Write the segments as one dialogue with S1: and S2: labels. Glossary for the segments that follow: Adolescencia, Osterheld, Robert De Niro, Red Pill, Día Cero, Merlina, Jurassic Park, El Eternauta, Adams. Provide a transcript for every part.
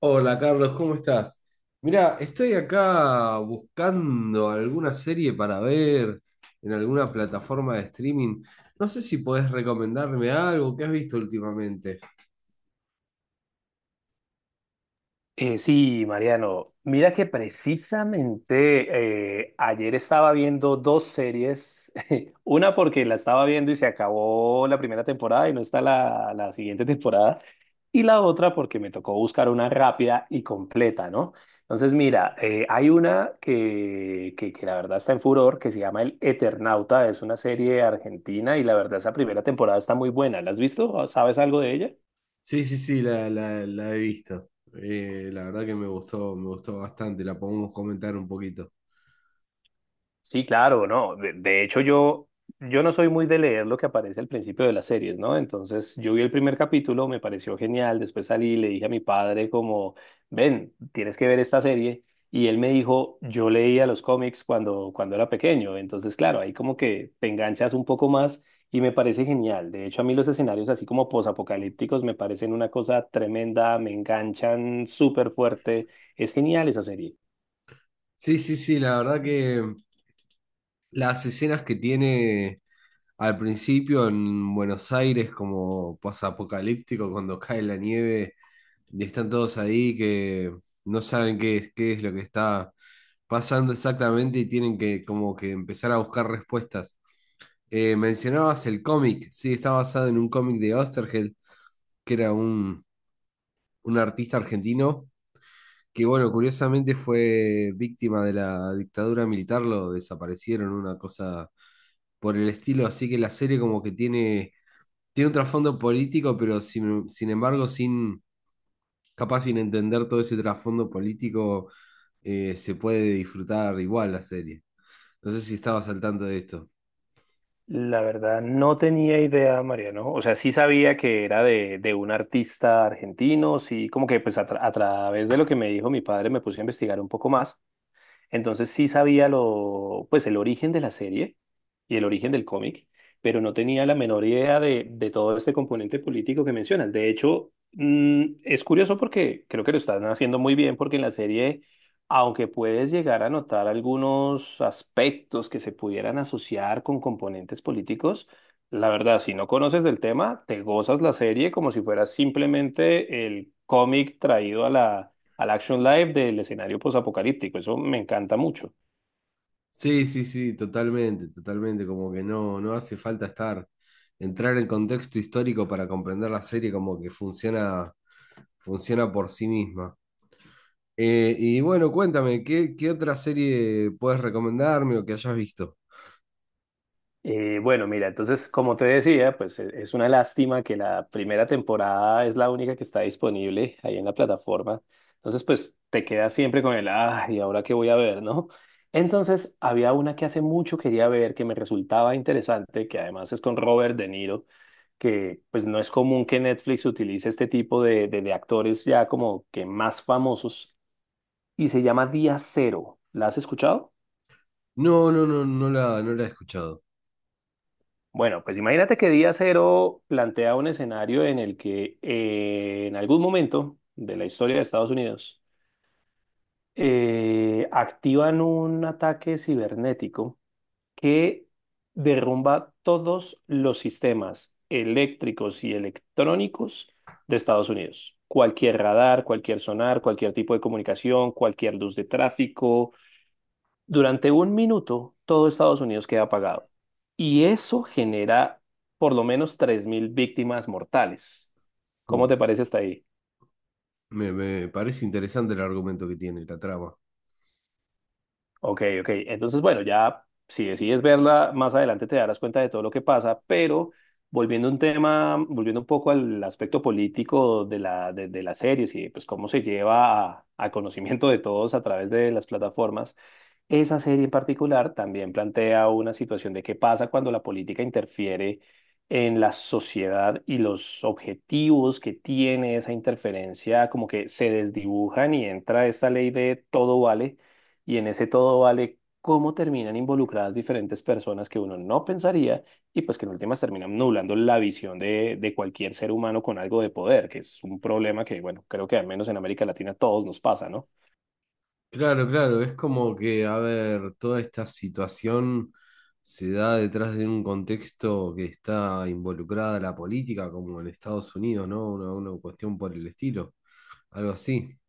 S1: Hola Carlos, ¿cómo estás? Mira, estoy acá buscando alguna serie para ver en alguna plataforma de streaming. No sé si podés recomendarme algo que has visto últimamente.
S2: Sí, Mariano, mira que precisamente ayer estaba viendo dos series, una porque la estaba viendo y se acabó la primera temporada y no está la siguiente temporada, y la otra porque me tocó buscar una rápida y completa, ¿no? Entonces, mira, hay una que la verdad está en furor, que se llama El Eternauta, es una serie argentina y la verdad esa primera temporada está muy buena. ¿La has visto? ¿Sabes algo de ella?
S1: Sí, sí, sí, la he visto. La verdad que me gustó bastante. La podemos comentar un poquito.
S2: Sí, claro, no. De hecho, yo no soy muy de leer lo que aparece al principio de las series, ¿no? Entonces, yo vi el primer capítulo, me pareció genial. Después salí y le dije a mi padre como, ven, tienes que ver esta serie. Y él me dijo, yo leía los cómics cuando era pequeño. Entonces, claro, ahí como que te enganchas un poco más y me parece genial. De hecho, a mí los escenarios así como posapocalípticos me parecen una cosa tremenda, me enganchan súper fuerte. Es genial esa serie.
S1: Sí, sí, sí, la verdad que las escenas que tiene al principio en Buenos Aires como posapocalíptico cuando cae la nieve, y están todos ahí que no saben qué es lo que está pasando exactamente y tienen que como que empezar a buscar respuestas. Mencionabas el cómic, sí, está basado en un cómic de Osterheld, que era un artista argentino, que bueno, curiosamente fue víctima de la dictadura militar, lo desaparecieron, una cosa por el estilo, así que la serie como que tiene un trasfondo político, pero sin embargo sin capaz sin entender todo ese trasfondo político, se puede disfrutar igual la serie. No sé si estabas al tanto de esto.
S2: La verdad, no tenía idea, Mariano. O sea, sí sabía que era de un artista argentino, sí, como que pues a, a través de lo que me dijo mi padre me puse a investigar un poco más, entonces sí sabía lo, pues el origen de la serie y el origen del cómic, pero no tenía la menor idea de todo este componente político que mencionas. De hecho, es curioso porque creo que lo están haciendo muy bien porque en la serie, aunque puedes llegar a notar algunos aspectos que se pudieran asociar con componentes políticos, la verdad, si no conoces del tema, te gozas la serie como si fuera simplemente el cómic traído a la al action live del escenario posapocalíptico. Eso me encanta mucho.
S1: Sí, sí, sí, totalmente, totalmente, como que no, no hace falta estar, entrar en contexto histórico para comprender la serie, como que funciona por sí misma. Y bueno, cuéntame, ¿qué, qué otra serie puedes recomendarme o que hayas visto?
S2: Bueno, mira, entonces, como te decía, pues es una lástima que la primera temporada es la única que está disponible ahí en la plataforma. Entonces, pues te quedas siempre con el, ah, ¿y ahora qué voy a ver, no? Entonces, había una que hace mucho quería ver, que me resultaba interesante, que además es con Robert De Niro, que pues no es común que Netflix utilice este tipo de, de actores ya como que más famosos, y se llama Día Cero. ¿La has escuchado?
S1: No, no, no, no la he escuchado.
S2: Bueno, pues imagínate que Día Cero plantea un escenario en el que en algún momento de la historia de Estados Unidos activan un ataque cibernético que derrumba todos los sistemas eléctricos y electrónicos de Estados Unidos. Cualquier radar, cualquier sonar, cualquier tipo de comunicación, cualquier luz de tráfico, durante un minuto, todo Estados Unidos queda apagado. Y eso genera por lo menos 3.000 víctimas mortales. ¿Cómo
S1: Mm.
S2: te parece hasta ahí?
S1: Me parece interesante el argumento que tiene, la trama.
S2: Ok, ok. Entonces, bueno, ya si decides verla, más adelante te darás cuenta de todo lo que pasa, pero volviendo a un tema, volviendo un poco al aspecto político de de las series y pues cómo se lleva a conocimiento de todos a través de las plataformas, esa serie en particular también plantea una situación de qué pasa cuando la política interfiere en la sociedad y los objetivos que tiene esa interferencia como que se desdibujan y entra esta ley de todo vale y en ese todo vale cómo terminan involucradas diferentes personas que uno no pensaría y pues que en últimas terminan nublando la visión de cualquier ser humano con algo de poder, que es un problema que bueno, creo que al menos en América Latina a todos nos pasa, ¿no?
S1: Claro, claro, es como que, a ver, toda esta situación se da detrás de un contexto que está involucrada la política, como en Estados Unidos, ¿no? Una cuestión por el estilo, algo así.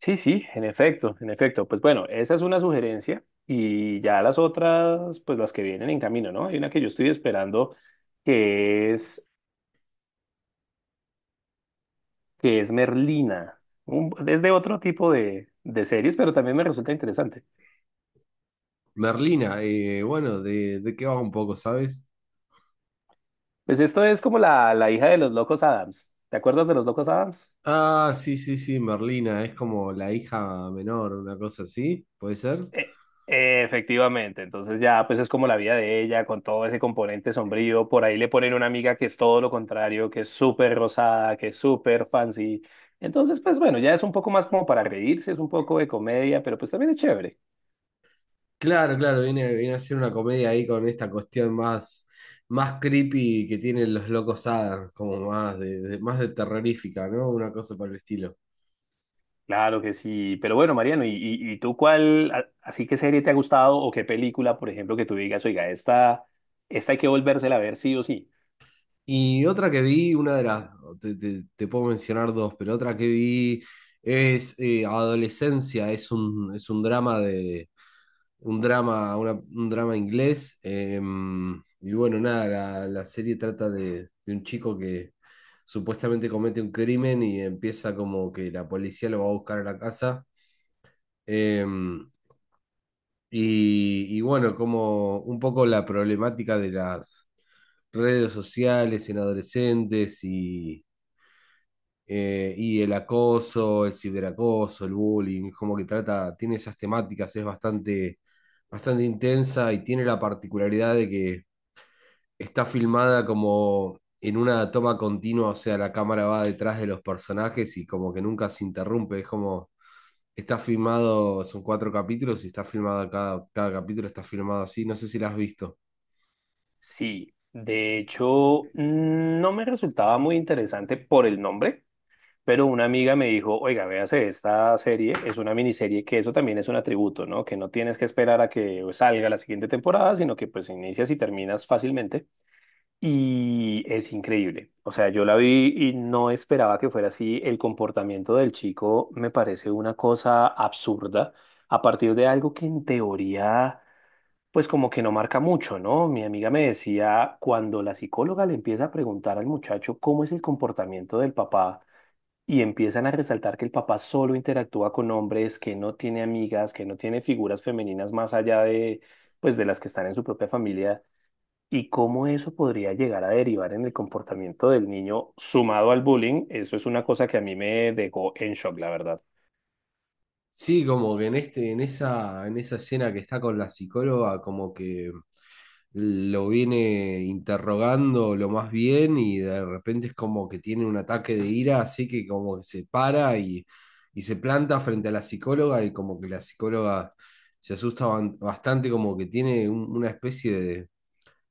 S2: Sí, sí, en efecto, en efecto. Pues bueno, esa es una sugerencia y ya las otras, pues las que vienen en camino, ¿no? Hay una que yo estoy esperando que es, que es Merlina. Un, es de otro tipo de series, pero también me resulta interesante.
S1: Merlina, bueno, de qué va un poco, sabes?
S2: Pues esto es como la hija de los locos Adams. ¿Te acuerdas de los locos Adams?
S1: Ah, sí, sí, sí, Merlina, es como la hija menor, una cosa así, ¿puede ser?
S2: E- Efectivamente, entonces ya pues es como la vida de ella con todo ese componente sombrío, por ahí le ponen una amiga que es todo lo contrario, que es súper rosada, que es súper fancy, entonces pues bueno, ya es un poco más como para reírse, es un poco de comedia, pero pues también es chévere.
S1: Claro, claro, viene a ser una comedia ahí con esta cuestión más, más creepy que tienen los locos Adams, como más más de terrorífica, ¿no? Una cosa por el estilo.
S2: Claro que sí, pero bueno, Mariano, ¿y tú cuál, así qué serie te ha gustado o qué película, por ejemplo, que tú digas, oiga, esta hay que volvérsela a ver sí o sí?
S1: Y otra que vi, te puedo mencionar dos, pero otra que vi es Adolescencia, es un drama un drama, un drama inglés. Eh, y bueno, nada, la serie trata de un chico que supuestamente comete un crimen y empieza como que la policía lo va a buscar a la casa. eh, y bueno, como un poco la problemática de las redes sociales en adolescentes y el acoso, el ciberacoso, el bullying, como que trata, tiene esas temáticas, es bastante, bastante intensa y tiene la particularidad de que está filmada como en una toma continua, o sea, la cámara va detrás de los personajes y como que nunca se interrumpe, es como, está filmado, son cuatro capítulos y está filmado cada capítulo, está filmado así, no sé si la has visto.
S2: Sí, de hecho, no me resultaba muy interesante por el nombre. Pero una amiga me dijo, oiga, véase esta serie, es una miniserie, que eso también es un atributo, ¿no? Que no tienes que esperar a que salga la siguiente temporada, sino que pues inicias y terminas fácilmente. Y es increíble. O sea, yo la vi y no esperaba que fuera así. El comportamiento del chico me parece una cosa absurda a partir de algo que en teoría, pues como que no marca mucho, ¿no? Mi amiga me decía, cuando la psicóloga le empieza a preguntar al muchacho cómo es el comportamiento del papá, y empiezan a resaltar que el papá solo interactúa con hombres, que no tiene amigas, que no tiene figuras femeninas más allá de, pues, de las que están en su propia familia, y cómo eso podría llegar a derivar en el comportamiento del niño sumado al bullying, eso es una cosa que a mí me dejó en shock, la verdad.
S1: Sí, como que en este, en esa escena que está con la psicóloga, como que lo viene interrogando lo más bien y de repente es como que tiene un ataque de ira, así que como que y se planta frente a la psicóloga y como que la psicóloga se asusta bastante, como que tiene una especie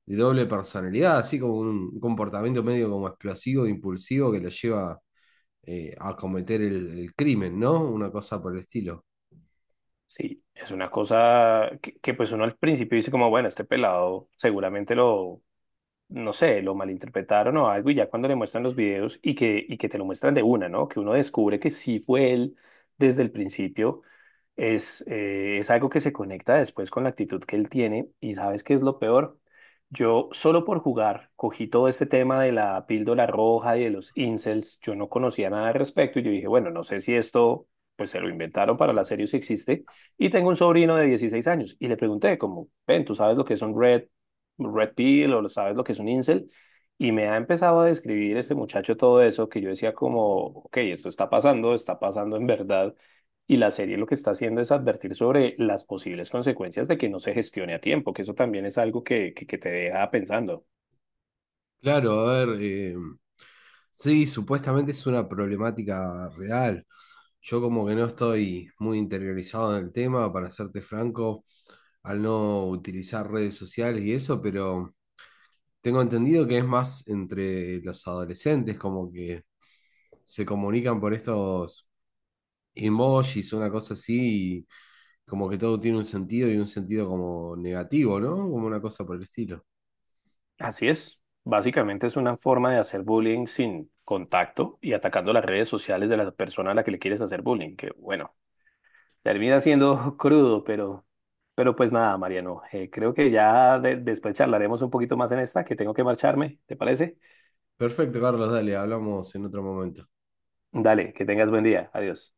S1: de doble personalidad, así como un comportamiento medio como explosivo, impulsivo que lo lleva a cometer el crimen, ¿no? Una cosa por el estilo.
S2: Sí, es una cosa pues uno al principio dice como, bueno, este pelado seguramente lo, no sé, lo malinterpretaron o algo, y ya cuando le muestran los videos y que te lo muestran de una, ¿no? Que uno descubre que sí fue él desde el principio, es algo que se conecta después con la actitud que él tiene, y ¿sabes qué es lo peor? Yo solo por jugar cogí todo este tema de la píldora roja y de los incels, yo no conocía nada al respecto y yo dije, bueno, no sé si esto pues se lo inventaron para la serie o si existe y tengo un sobrino de 16 años y le pregunté como, ven, ¿tú sabes lo que son Red Pill o sabes lo que es un incel? Y me ha empezado a describir este muchacho todo eso que yo decía como, ok, esto está pasando en verdad. Y la serie lo que está haciendo es advertir sobre las posibles consecuencias de que no se gestione a tiempo, que eso también es algo que te deja pensando.
S1: Claro, a ver, sí, supuestamente es una problemática real. Yo como que no estoy muy interiorizado en el tema, para serte franco, al no utilizar redes sociales y eso, pero tengo entendido que es más entre los adolescentes, como que se comunican por estos emojis, una cosa así, y como que todo tiene un sentido y un sentido como negativo, ¿no? Como una cosa por el estilo.
S2: Así es. Básicamente es una forma de hacer bullying sin contacto y atacando las redes sociales de la persona a la que le quieres hacer bullying, que bueno, termina siendo crudo, pero pues nada, Mariano, creo que ya después charlaremos un poquito más en esta, que tengo que marcharme, ¿te parece?
S1: Perfecto, Carlos, dale, hablamos en otro momento.
S2: Dale, que tengas buen día. Adiós.